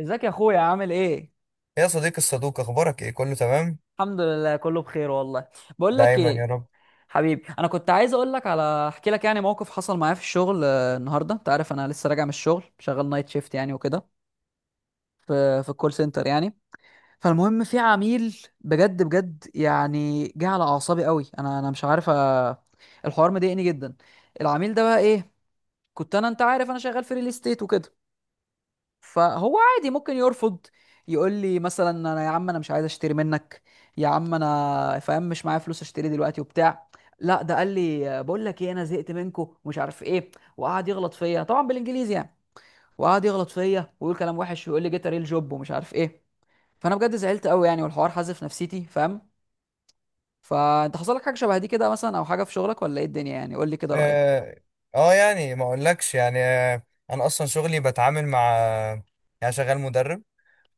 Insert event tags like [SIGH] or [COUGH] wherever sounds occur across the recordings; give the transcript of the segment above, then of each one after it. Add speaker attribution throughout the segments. Speaker 1: ازيك يا اخويا، عامل ايه؟
Speaker 2: يا صديقي الصدوق، اخبارك ايه؟ كله تمام؟
Speaker 1: الحمد لله، كله بخير والله. بقول لك
Speaker 2: دايما يا
Speaker 1: ايه؟
Speaker 2: رب.
Speaker 1: حبيبي، انا كنت عايز اقول لك على احكي لك يعني موقف حصل معايا في الشغل، النهارده انت عارف انا لسه راجع من الشغل، شغال نايت شيفت يعني وكده، في الكول سنتر يعني. فالمهم في عميل بجد بجد يعني جه على اعصابي قوي. انا مش عارف الحوار مضايقني جدا. العميل ده بقى ايه، كنت انا انت عارف انا شغال في ريل استيت وكده، فهو عادي ممكن يرفض، يقول لي مثلا يا عم انا مش عايز اشتري منك، يا عم انا فاهم مش معايا فلوس اشتري دلوقتي وبتاع. لا ده قال لي بقول لك ايه، انا زهقت منكم ومش عارف ايه، وقعد يغلط فيا طبعا بالانجليزي يعني، وقعد يغلط فيا ويقول كلام وحش ويقول لي جيت ريل جوب ومش عارف ايه. فانا بجد زعلت قوي يعني، والحوار حازف نفسيتي، فاهم؟ فانت حصل لك حاجه شبه دي كده مثلا، او حاجه في شغلك، ولا ايه الدنيا يعني؟ قول لي كده رايك.
Speaker 2: اه, ما اقولكش يعني. انا اصلا شغلي بتعامل مع، يعني شغال مدرب.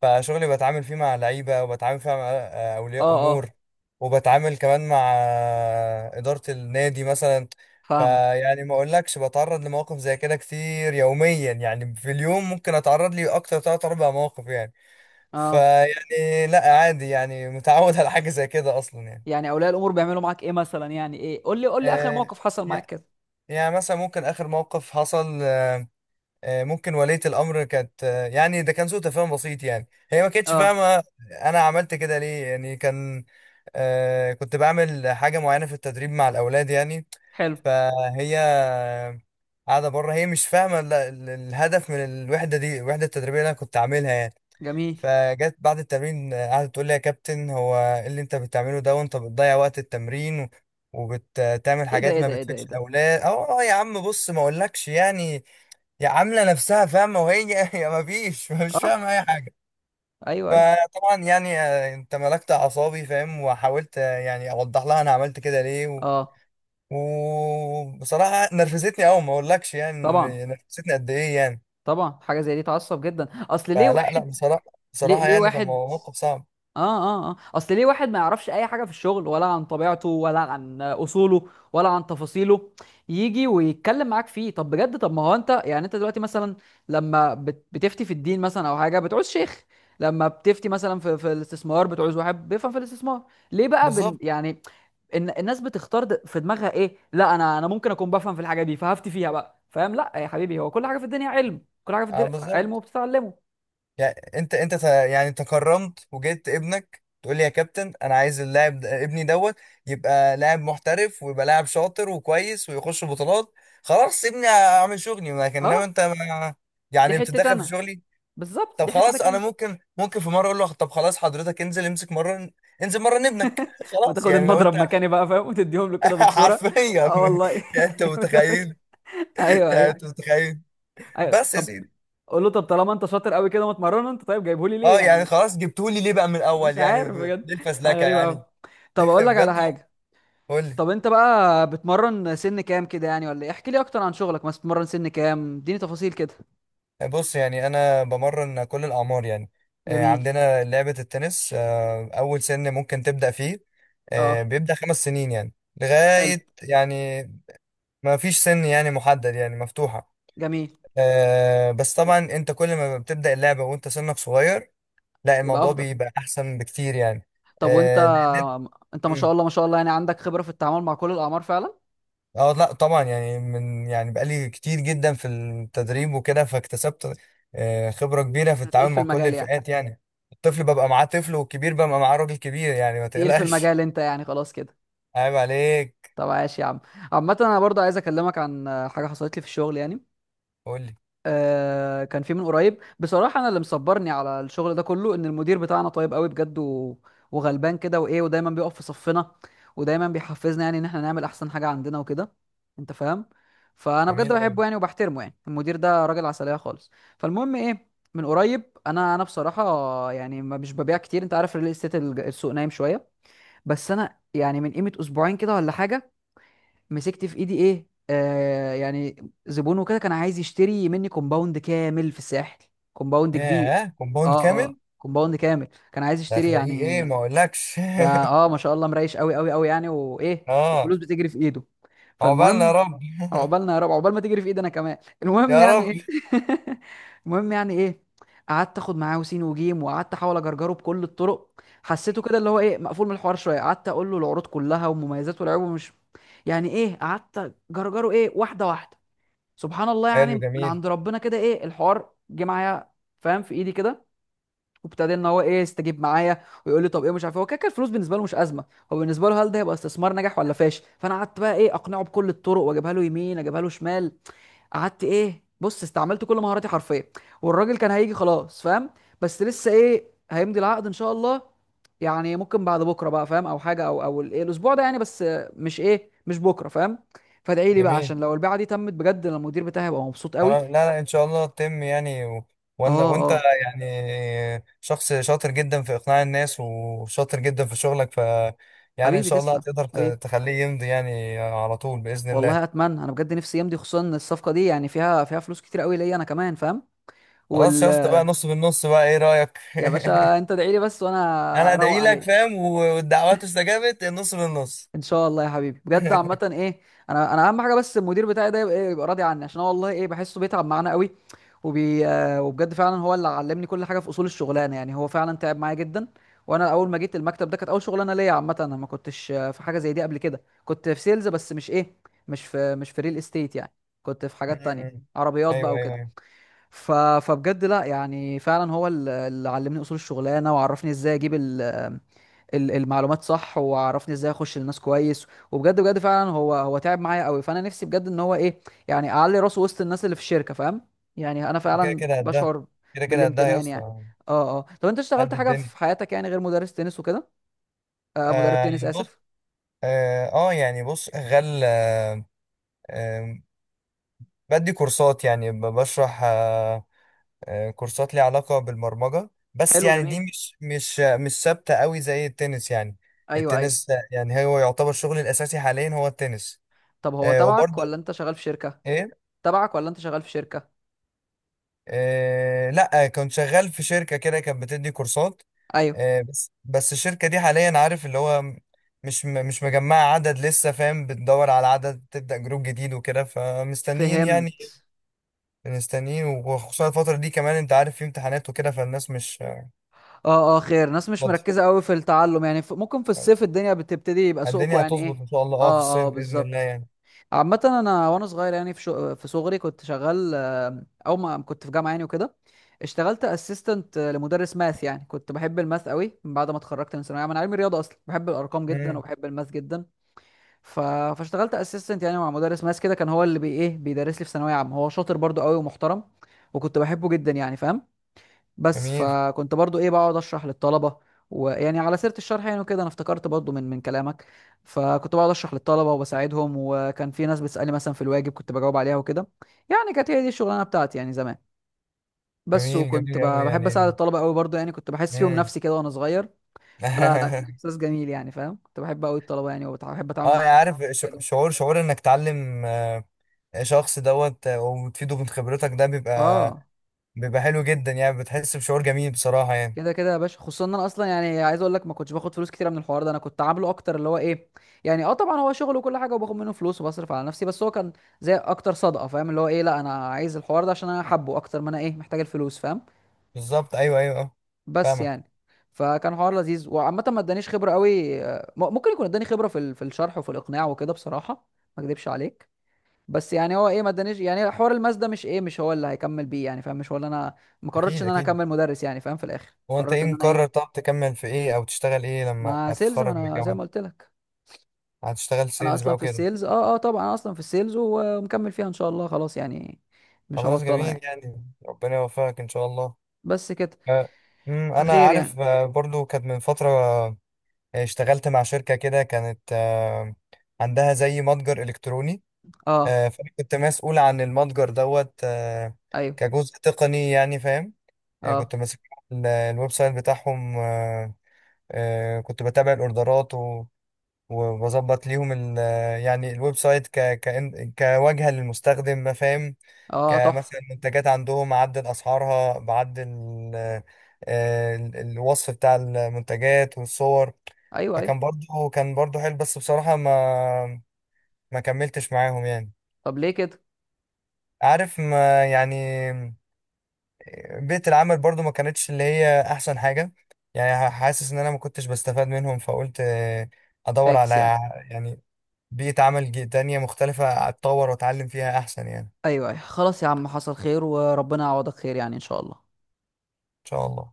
Speaker 2: فشغلي بتعامل فيه مع لعيبه، وبتعامل فيه مع اولياء
Speaker 1: اه
Speaker 2: امور،
Speaker 1: اه.
Speaker 2: وبتعامل كمان مع اداره النادي مثلا.
Speaker 1: فاهمك.
Speaker 2: فيعني ما اقولكش بتعرض لمواقف زي كده كتير يوميا، يعني في اليوم ممكن اتعرض لي اكتر تلات اربع مواقف يعني.
Speaker 1: اه.
Speaker 2: فيعني لا، عادي يعني، متعود [LAUGHS] على حاجه زي كده اصلا يعني.
Speaker 1: يعني اولياء الامور بيعملوا معاك ايه مثلا؟ يعني ايه؟ قول لي قول لي اخر
Speaker 2: آه،
Speaker 1: موقف حصل
Speaker 2: يع-
Speaker 1: معاك كده.
Speaker 2: يعني مثلا ممكن آخر موقف حصل، ممكن ولية الأمر كانت، يعني ده كان سوء تفاهم بسيط يعني. هي ما كانتش
Speaker 1: اه.
Speaker 2: فاهمة أنا عملت كده ليه يعني. كان كنت بعمل حاجة معينة في التدريب مع الأولاد يعني.
Speaker 1: حلو،
Speaker 2: فهي قاعدة بره، هي مش فاهمة الهدف من الوحدة دي، الوحدة التدريبية اللي أنا كنت عاملها يعني.
Speaker 1: جميل.
Speaker 2: فجت بعد التمرين، قعدت تقول لي يا كابتن، هو ايه اللي انت بتعمله ده؟ وانت بتضيع وقت التمرين وبتعمل
Speaker 1: ايه ده،
Speaker 2: حاجات
Speaker 1: ايه
Speaker 2: ما
Speaker 1: ده، ايه ده، ايه
Speaker 2: بتفيدش
Speaker 1: ده.
Speaker 2: الاولاد. اه، يا عم بص ما اقولكش يعني، يا عامله نفسها فاهمه وهي [LAUGHS] هي ما فيش مش
Speaker 1: اه،
Speaker 2: فاهمه اي حاجه.
Speaker 1: ايوه ايوه.
Speaker 2: فطبعا يعني انت ملكت اعصابي فاهم، وحاولت يعني اوضح لها انا عملت كده ليه و...
Speaker 1: اه.
Speaker 2: وبصراحه نرفزتني قوي ما اقولكش يعني،
Speaker 1: طبعا.
Speaker 2: نرفزتني قد ايه يعني.
Speaker 1: طبعا، حاجه زي دي تعصب جدا. اصل ليه
Speaker 2: فلا
Speaker 1: واحد،
Speaker 2: لا بصراحه،
Speaker 1: ليه
Speaker 2: بصراحه
Speaker 1: ليه
Speaker 2: يعني كان
Speaker 1: واحد،
Speaker 2: موقف صعب.
Speaker 1: اه اه اه، اصل ليه واحد ما يعرفش اي حاجه في الشغل ولا عن طبيعته ولا عن اصوله ولا عن تفاصيله، يجي ويتكلم معاك فيه؟ طب بجد، طب ما هو انت يعني، انت دلوقتي مثلا لما بتفتي في الدين مثلا او حاجه بتعوز شيخ، لما بتفتي مثلا في الاستثمار بتعوز واحد بيفهم في الاستثمار، ليه بقى
Speaker 2: بالظبط.
Speaker 1: يعني؟ ان الناس بتختار في دماغها ايه، لا انا ممكن اكون بفهم في الحاجه دي فهفتي فيها بقى، فاهم؟ لا يا حبيبي، هو كل حاجه في الدنيا علم، كل حاجه في
Speaker 2: اه
Speaker 1: الدنيا علم
Speaker 2: بالظبط.
Speaker 1: وبتتعلمه.
Speaker 2: يعني يعني تكرمت وجبت ابنك تقول لي يا كابتن، انا عايز ابني دوت يبقى لاعب محترف، ويبقى لاعب شاطر وكويس، ويخش بطولات. خلاص ابني، اعمل شغلي، لكن
Speaker 1: اه.
Speaker 2: انما انت ما،
Speaker 1: دي
Speaker 2: يعني
Speaker 1: حتة
Speaker 2: بتتدخل في
Speaker 1: انا،
Speaker 2: شغلي.
Speaker 1: بالظبط
Speaker 2: طب
Speaker 1: دي
Speaker 2: خلاص،
Speaker 1: حتتك
Speaker 2: انا
Speaker 1: انت.
Speaker 2: ممكن، ممكن في مره اقول له طب خلاص حضرتك انزل امسك مره، انزل مره ابنك [LAUGHS]
Speaker 1: ما
Speaker 2: خلاص
Speaker 1: تاخد
Speaker 2: يعني، لو
Speaker 1: المضرب
Speaker 2: انت [LAUGHS]
Speaker 1: مكاني بقى، فاهم؟ وتديهم له كده بالكوره.
Speaker 2: حرفيا
Speaker 1: اه والله [LAUGHS]
Speaker 2: يعني. انت
Speaker 1: جامد قوي.
Speaker 2: متخيل؟ [LAUGHS]
Speaker 1: ايوه
Speaker 2: يعني انت
Speaker 1: ايوه
Speaker 2: متخيل؟
Speaker 1: ايوه.
Speaker 2: بس يا
Speaker 1: طب
Speaker 2: سيدي.
Speaker 1: قول له طب طالما انت شاطر قوي كده متمرن انت، طيب جايبه لي ليه
Speaker 2: اه، يعني
Speaker 1: يعني؟
Speaker 2: خلاص جبتولي ليه بقى من
Speaker 1: مش
Speaker 2: الاول يعني؟
Speaker 1: عارف،
Speaker 2: ليه
Speaker 1: بجد حاجه
Speaker 2: الفزلكه
Speaker 1: غريبه
Speaker 2: يعني؟
Speaker 1: قوي. طب اقول لك على
Speaker 2: بجد.
Speaker 1: حاجه.
Speaker 2: قول لي.
Speaker 1: طب انت بقى بتمرن سن كام كده يعني، ولا ايه؟ احكي لي اكتر عن شغلك، مثلا بتمرن سن كام؟ اديني تفاصيل كده.
Speaker 2: بص يعني انا بمرن كل الاعمار يعني.
Speaker 1: جميل.
Speaker 2: عندنا لعبه التنس، اول سن ممكن تبدا فيه
Speaker 1: اه.
Speaker 2: بيبدا خمس سنين يعني،
Speaker 1: حلو،
Speaker 2: لغايه يعني، ما فيش سن يعني محدد، يعني مفتوحه.
Speaker 1: جميل.
Speaker 2: بس طبعا انت كل ما بتبدا اللعبه وانت سنك صغير، لا
Speaker 1: يبقى
Speaker 2: الموضوع
Speaker 1: افضل.
Speaker 2: بيبقى احسن بكتير يعني.
Speaker 1: طب
Speaker 2: آه،
Speaker 1: وانت، انت ما شاء الله ما شاء الله يعني، عندك خبره في التعامل مع كل الاعمار فعلا.
Speaker 2: اه لا طبعا يعني، من يعني بقالي كتير جدا في التدريب وكده، فاكتسبت خبرة كبيرة في
Speaker 1: انت تقيل
Speaker 2: التعامل
Speaker 1: في
Speaker 2: مع كل
Speaker 1: المجال يعني.
Speaker 2: الفئات يعني. الطفل ببقى معاه طفل، والكبير ببقى معاه راجل كبير، يعني ما
Speaker 1: تقيل في
Speaker 2: تقلقش.
Speaker 1: المجال انت يعني، خلاص كده.
Speaker 2: [LAUGHS] عيب عليك.
Speaker 1: طب عاش يا عم. عامة انا برضه عايز اكلمك عن حاجة حصلت لي في الشغل يعني.
Speaker 2: قول لي.
Speaker 1: كان في من قريب بصراحة، انا اللي مصبرني على الشغل ده كله ان المدير بتاعنا طيب قوي بجد، و... وغلبان كده، وايه، ودايما بيقف في صفنا، ودايما بيحفزنا يعني ان احنا نعمل احسن حاجة عندنا وكده، انت فاهم. فانا بجد
Speaker 2: جميل قوي.
Speaker 1: بحبه يعني وبحترمه يعني، المدير ده راجل عسلية خالص. فالمهم ايه، من قريب انا بصراحة يعني ما مش ببيع كتير، انت عارف الريل استيت السوق نايم شوية. بس انا يعني من قيمه اسبوعين كده ولا حاجه، مسكت في ايدي ايه، يعني زبون وكده، كان عايز يشتري مني كومباوند كامل في الساحل، كومباوند كبير.
Speaker 2: ياه، كومباوند
Speaker 1: اه
Speaker 2: كامل؟
Speaker 1: اه كومباوند كامل كان عايز
Speaker 2: ده
Speaker 1: يشتري
Speaker 2: هتلاقيه ايه
Speaker 1: يعني.
Speaker 2: ما اقولكش.
Speaker 1: ده اه ما شاء الله مريش قوي قوي قوي يعني، وايه
Speaker 2: [LAUGHS] اه.
Speaker 1: والفلوس بتجري في ايده.
Speaker 2: عقبالنا يا
Speaker 1: فالمهم،
Speaker 2: رب. [LAUGHS]
Speaker 1: عقبالنا يا رب، عقبال ما تجري في ايدي انا كمان. المهم
Speaker 2: يا
Speaker 1: يعني
Speaker 2: رب.
Speaker 1: ايه. [LAUGHS] المهم يعني ايه، قعدت اخد معاه وسين وجيم، وقعدت احاول اجرجره بكل الطرق. حسيته كده اللي هو ايه مقفول من الحوار شويه، قعدت اقول له العروض كلها ومميزات والعيوب ومش، يعني ايه، قعدت اجرجره ايه، واحده واحده. سبحان الله
Speaker 2: حلو.
Speaker 1: يعني من
Speaker 2: جميل.
Speaker 1: عند ربنا كده، ايه الحوار جه معايا، فاهم؟ في ايدي كده، وابتدى ان هو ايه يستجيب معايا، ويقول لي طب ايه مش عارف إيه. هو كده كده الفلوس بالنسبه له مش ازمه، هو بالنسبه له هل ده هيبقى استثمار ناجح ولا فاشل. فانا قعدت بقى ايه اقنعه بكل الطرق، واجيبها له يمين اجيبها له شمال، قعدت ايه، بص استعملت كل مهاراتي حرفيا. والراجل كان هيجي خلاص، فاهم؟ بس لسه ايه، هيمضي العقد ان شاء الله، يعني ممكن بعد بكره بقى فاهم، او حاجه، او الايه الاسبوع ده يعني، بس مش بكره، فاهم؟ فادعي لي بقى
Speaker 2: جميل.
Speaker 1: عشان لو البيعه دي تمت بجد، أنا المدير بتاعي هيبقى مبسوط قوي.
Speaker 2: لا لا ان شاء الله تتم يعني و...
Speaker 1: اه
Speaker 2: وانا وانت،
Speaker 1: اه.
Speaker 2: يعني شخص شاطر جدا في اقناع الناس، وشاطر جدا في شغلك، ف يعني ان
Speaker 1: حبيبي
Speaker 2: شاء الله
Speaker 1: تسلم،
Speaker 2: هتقدر
Speaker 1: حبيبي.
Speaker 2: تخليه يمضي يعني على طول باذن
Speaker 1: والله
Speaker 2: الله.
Speaker 1: اتمنى انا بجد نفسي يمضي، خصوصا ان الصفقه دي يعني فيها فلوس كتير قوي ليا انا كمان، فاهم،
Speaker 2: خلاص
Speaker 1: وال
Speaker 2: يا اسطى بقى، نص بالنص، بقى ايه رايك؟ [LAUGHS]
Speaker 1: يا باشا انت ادعي لي بس
Speaker 2: انا
Speaker 1: وانا اروق
Speaker 2: ادعي لك
Speaker 1: عليك.
Speaker 2: فاهم، والدعوات استجابت، النص بالنص.
Speaker 1: ان شاء الله يا حبيبي، بجد عامه
Speaker 2: [LAUGHS]
Speaker 1: ايه. انا اهم حاجه بس المدير بتاعي ده يبقى راضي عني، عشان هو والله ايه بحسه بيتعب معانا قوي، وبي آه، وبجد فعلا هو اللي علمني كل حاجه في اصول الشغلانه يعني، هو فعلا تعب معايا جدا. وانا اول ما جيت المكتب ده كانت اول شغلانه ليا، عامه انا ما كنتش في حاجه زي دي قبل كده، كنت في سيلز بس مش في ريل استيت يعني، كنت في حاجات تانية،
Speaker 2: أمم.
Speaker 1: عربيات
Speaker 2: ايوه،
Speaker 1: بقى
Speaker 2: ايوه،
Speaker 1: وكده.
Speaker 2: ايوه.
Speaker 1: ف... فبجد لا يعني فعلا هو اللي علمني اصول الشغلانه، وعرفني ازاي اجيب المعلومات صح، وعرفني ازاي اخش للناس كويس، وبجد بجد فعلا هو تعب معايا قوي. فانا نفسي بجد ان هو ايه يعني اعلي راسه وسط الناس اللي في الشركه، فاهم؟ يعني انا
Speaker 2: كده
Speaker 1: فعلا
Speaker 2: كده قدها.
Speaker 1: بشعر
Speaker 2: كده كده قدها يا
Speaker 1: بالامتنان يعني.
Speaker 2: اسطى.
Speaker 1: اه اه. طب انت اشتغلت
Speaker 2: قد
Speaker 1: حاجه
Speaker 2: الدنيا.
Speaker 1: في حياتك يعني غير مدرس تنس وكده؟ مدرب
Speaker 2: آه
Speaker 1: تنس،
Speaker 2: بص.
Speaker 1: اسف.
Speaker 2: اه، آه، يعني بص غل آه، بدي كورسات يعني بشرح، كورسات ليها علاقة بالبرمجة، بس
Speaker 1: حلو،
Speaker 2: يعني
Speaker 1: جميل.
Speaker 2: دي مش ثابتة قوي زي التنس يعني.
Speaker 1: ايوه ايوه.
Speaker 2: التنس ده يعني هو يعتبر شغلي الأساسي حاليا، هو التنس.
Speaker 1: طب هو تبعك
Speaker 2: وبرضه،
Speaker 1: ولا انت شغال في شركه؟
Speaker 2: إيه،
Speaker 1: تبعك ولا انت شغال في شركه؟
Speaker 2: لأ كنت شغال في شركة كده، كانت بتدي كورسات.
Speaker 1: ايوه.
Speaker 2: بس بس الشركة دي حاليا، عارف اللي هو مش مجمعة عدد لسه فاهم، بتدور على عدد تبدأ جروب جديد وكده، فمستنيين يعني.
Speaker 1: فهمت.
Speaker 2: مستنيين، وخصوصا الفترة دي كمان انت عارف في امتحانات وكده، فالناس
Speaker 1: اه اه، خير. ناس
Speaker 2: مش
Speaker 1: مش
Speaker 2: فاضية.
Speaker 1: مركزة قوي في التعلم يعني، ممكن في الصيف الدنيا بتبتدي يبقى سوقكم
Speaker 2: الدنيا
Speaker 1: يعني
Speaker 2: هتظبط
Speaker 1: ايه.
Speaker 2: ان شاء الله، اه في
Speaker 1: اه اه
Speaker 2: الصيف بإذن الله
Speaker 1: بالظبط.
Speaker 2: يعني.
Speaker 1: عامة انا وانا صغير يعني، في صغري كنت شغال او ما كنت في جامعة يعني وكده، اشتغلت اسيستنت لمدرس ماث يعني. كنت بحب الماث قوي من بعد ما اتخرجت من ثانوية عامة، انا علمي رياضة اصلا، بحب الارقام جدا
Speaker 2: امم.
Speaker 1: وبحب الماث جدا. ف... فاشتغلت اسيستنت يعني مع مدرس ماث كده، كان هو اللي بي ايه بيدرس لي في ثانوية عامة. هو شاطر برضو قوي ومحترم، وكنت بحبه جدا يعني، فاهم؟ بس
Speaker 2: جميل.
Speaker 1: فكنت برضو ايه بقعد اشرح للطلبه. ويعني على سيره الشرح يعني وكده، انا افتكرت برضو من كلامك، فكنت بقعد اشرح للطلبه وبساعدهم، وكان في ناس بتسالني مثلا في الواجب كنت بجاوب عليها وكده، يعني كانت هي دي الشغلانه بتاعتي يعني زمان. بس
Speaker 2: جميل.
Speaker 1: وكنت
Speaker 2: جميل قوي
Speaker 1: بحب اساعد
Speaker 2: يعني.
Speaker 1: الطلبه قوي برضو يعني، كنت بحس فيهم
Speaker 2: امم.
Speaker 1: نفسي كده وانا صغير. فلا لا، كان
Speaker 2: [LAUGHS]
Speaker 1: احساس جميل يعني، فاهم؟ كنت بحب قوي الطلبه يعني، وبحب اتعامل
Speaker 2: اه
Speaker 1: معاهم
Speaker 2: انا عارف
Speaker 1: وأساعدهم.
Speaker 2: شعور انك تعلم شخص دوت وتفيده من خبرتك، ده بيبقى،
Speaker 1: اه.
Speaker 2: بيبقى حلو جدا يعني، بتحس بشعور جميل بصراحة يعني.
Speaker 1: كده كده يا باشا، خصوصا ان انا اصلا يعني عايز اقول لك ما كنتش باخد فلوس كتير من الحوار ده، انا كنت عامله اكتر اللي هو ايه، يعني اه طبعا هو شغل وكل حاجه وباخد منه فلوس وبصرف على نفسي، بس هو كان زي اكتر صدقه، فاهم؟ اللي هو ايه لا انا عايز الحوار ده عشان انا حابه، اكتر ما انا ايه محتاج الفلوس، فاهم؟
Speaker 2: بالظبط. ايوه ايوه اه.
Speaker 1: بس
Speaker 2: فاهمك.
Speaker 1: يعني، فكان حوار لذيذ. وعامه ما ادانيش خبره قوي، ممكن يكون اداني خبره في في الشرح وفي الاقناع وكده بصراحه، ما اكدبش عليك. بس يعني هو ايه ما ادانيش يعني، حوار الماس ده مش هو اللي هيكمل بيه يعني، فاهم؟ مش هو اللي انا ما قررتش
Speaker 2: اكيد
Speaker 1: ان انا
Speaker 2: اكيد.
Speaker 1: اكمل مدرس يعني، فاهم؟ في الاخر
Speaker 2: هو انت
Speaker 1: قررت
Speaker 2: ايه
Speaker 1: ان انا
Speaker 2: مقرر؟
Speaker 1: ايه
Speaker 2: طب تكمل في ايه او تشتغل ايه لما
Speaker 1: مع سيلز، ما
Speaker 2: هتتخرج من
Speaker 1: انا زي
Speaker 2: الجامعة؟
Speaker 1: ما قلت لك،
Speaker 2: هتشتغل
Speaker 1: انا
Speaker 2: سيلز
Speaker 1: اصلا
Speaker 2: بقى
Speaker 1: في
Speaker 2: وكده.
Speaker 1: السيلز. اه اه، طبعا انا اصلا في السيلز ومكمل فيها ان شاء الله، خلاص يعني مش
Speaker 2: خلاص،
Speaker 1: هبطلها
Speaker 2: جميل
Speaker 1: يعني،
Speaker 2: يعني، ربنا يوفقك ان شاء الله.
Speaker 1: بس كده،
Speaker 2: آه، أمم، انا
Speaker 1: فخير يعني.
Speaker 2: عارف برضو كانت من فترة اشتغلت مع شركة كده، كانت عندها زي متجر الكتروني.
Speaker 1: اه.
Speaker 2: فانا كنت مسؤول عن المتجر دوت
Speaker 1: ايوه.
Speaker 2: كجزء تقني يعني فاهم. يعني كنت
Speaker 1: اه
Speaker 2: ماسك الويب سايت بتاعهم، كنت بتابع الاوردرات وبظبط ليهم يعني الويب سايت كواجهة للمستخدم فاهم.
Speaker 1: اه، تحفه.
Speaker 2: كمثلا منتجات عندهم عدل اسعارها، بعدل الوصف بتاع المنتجات والصور.
Speaker 1: ايوه ايوه.
Speaker 2: فكان برضو كان برضو حلو، بس بصراحة ما كملتش معاهم يعني.
Speaker 1: طب ليه كده؟
Speaker 2: عارف ما يعني، بيئة العمل برضو ما كانتش اللي هي أحسن حاجة، يعني حاسس إن أنا ما كنتش بستفاد منهم، فقلت أدور على،
Speaker 1: فاكس يعني.
Speaker 2: يعني بيئة تانية مختلفة أتطور وأتعلم فيها أحسن، يعني إن
Speaker 1: ايوه ايوه، خلاص يا عم، حصل خير وربنا يعوضك خير يعني ان شاء الله.
Speaker 2: شاء الله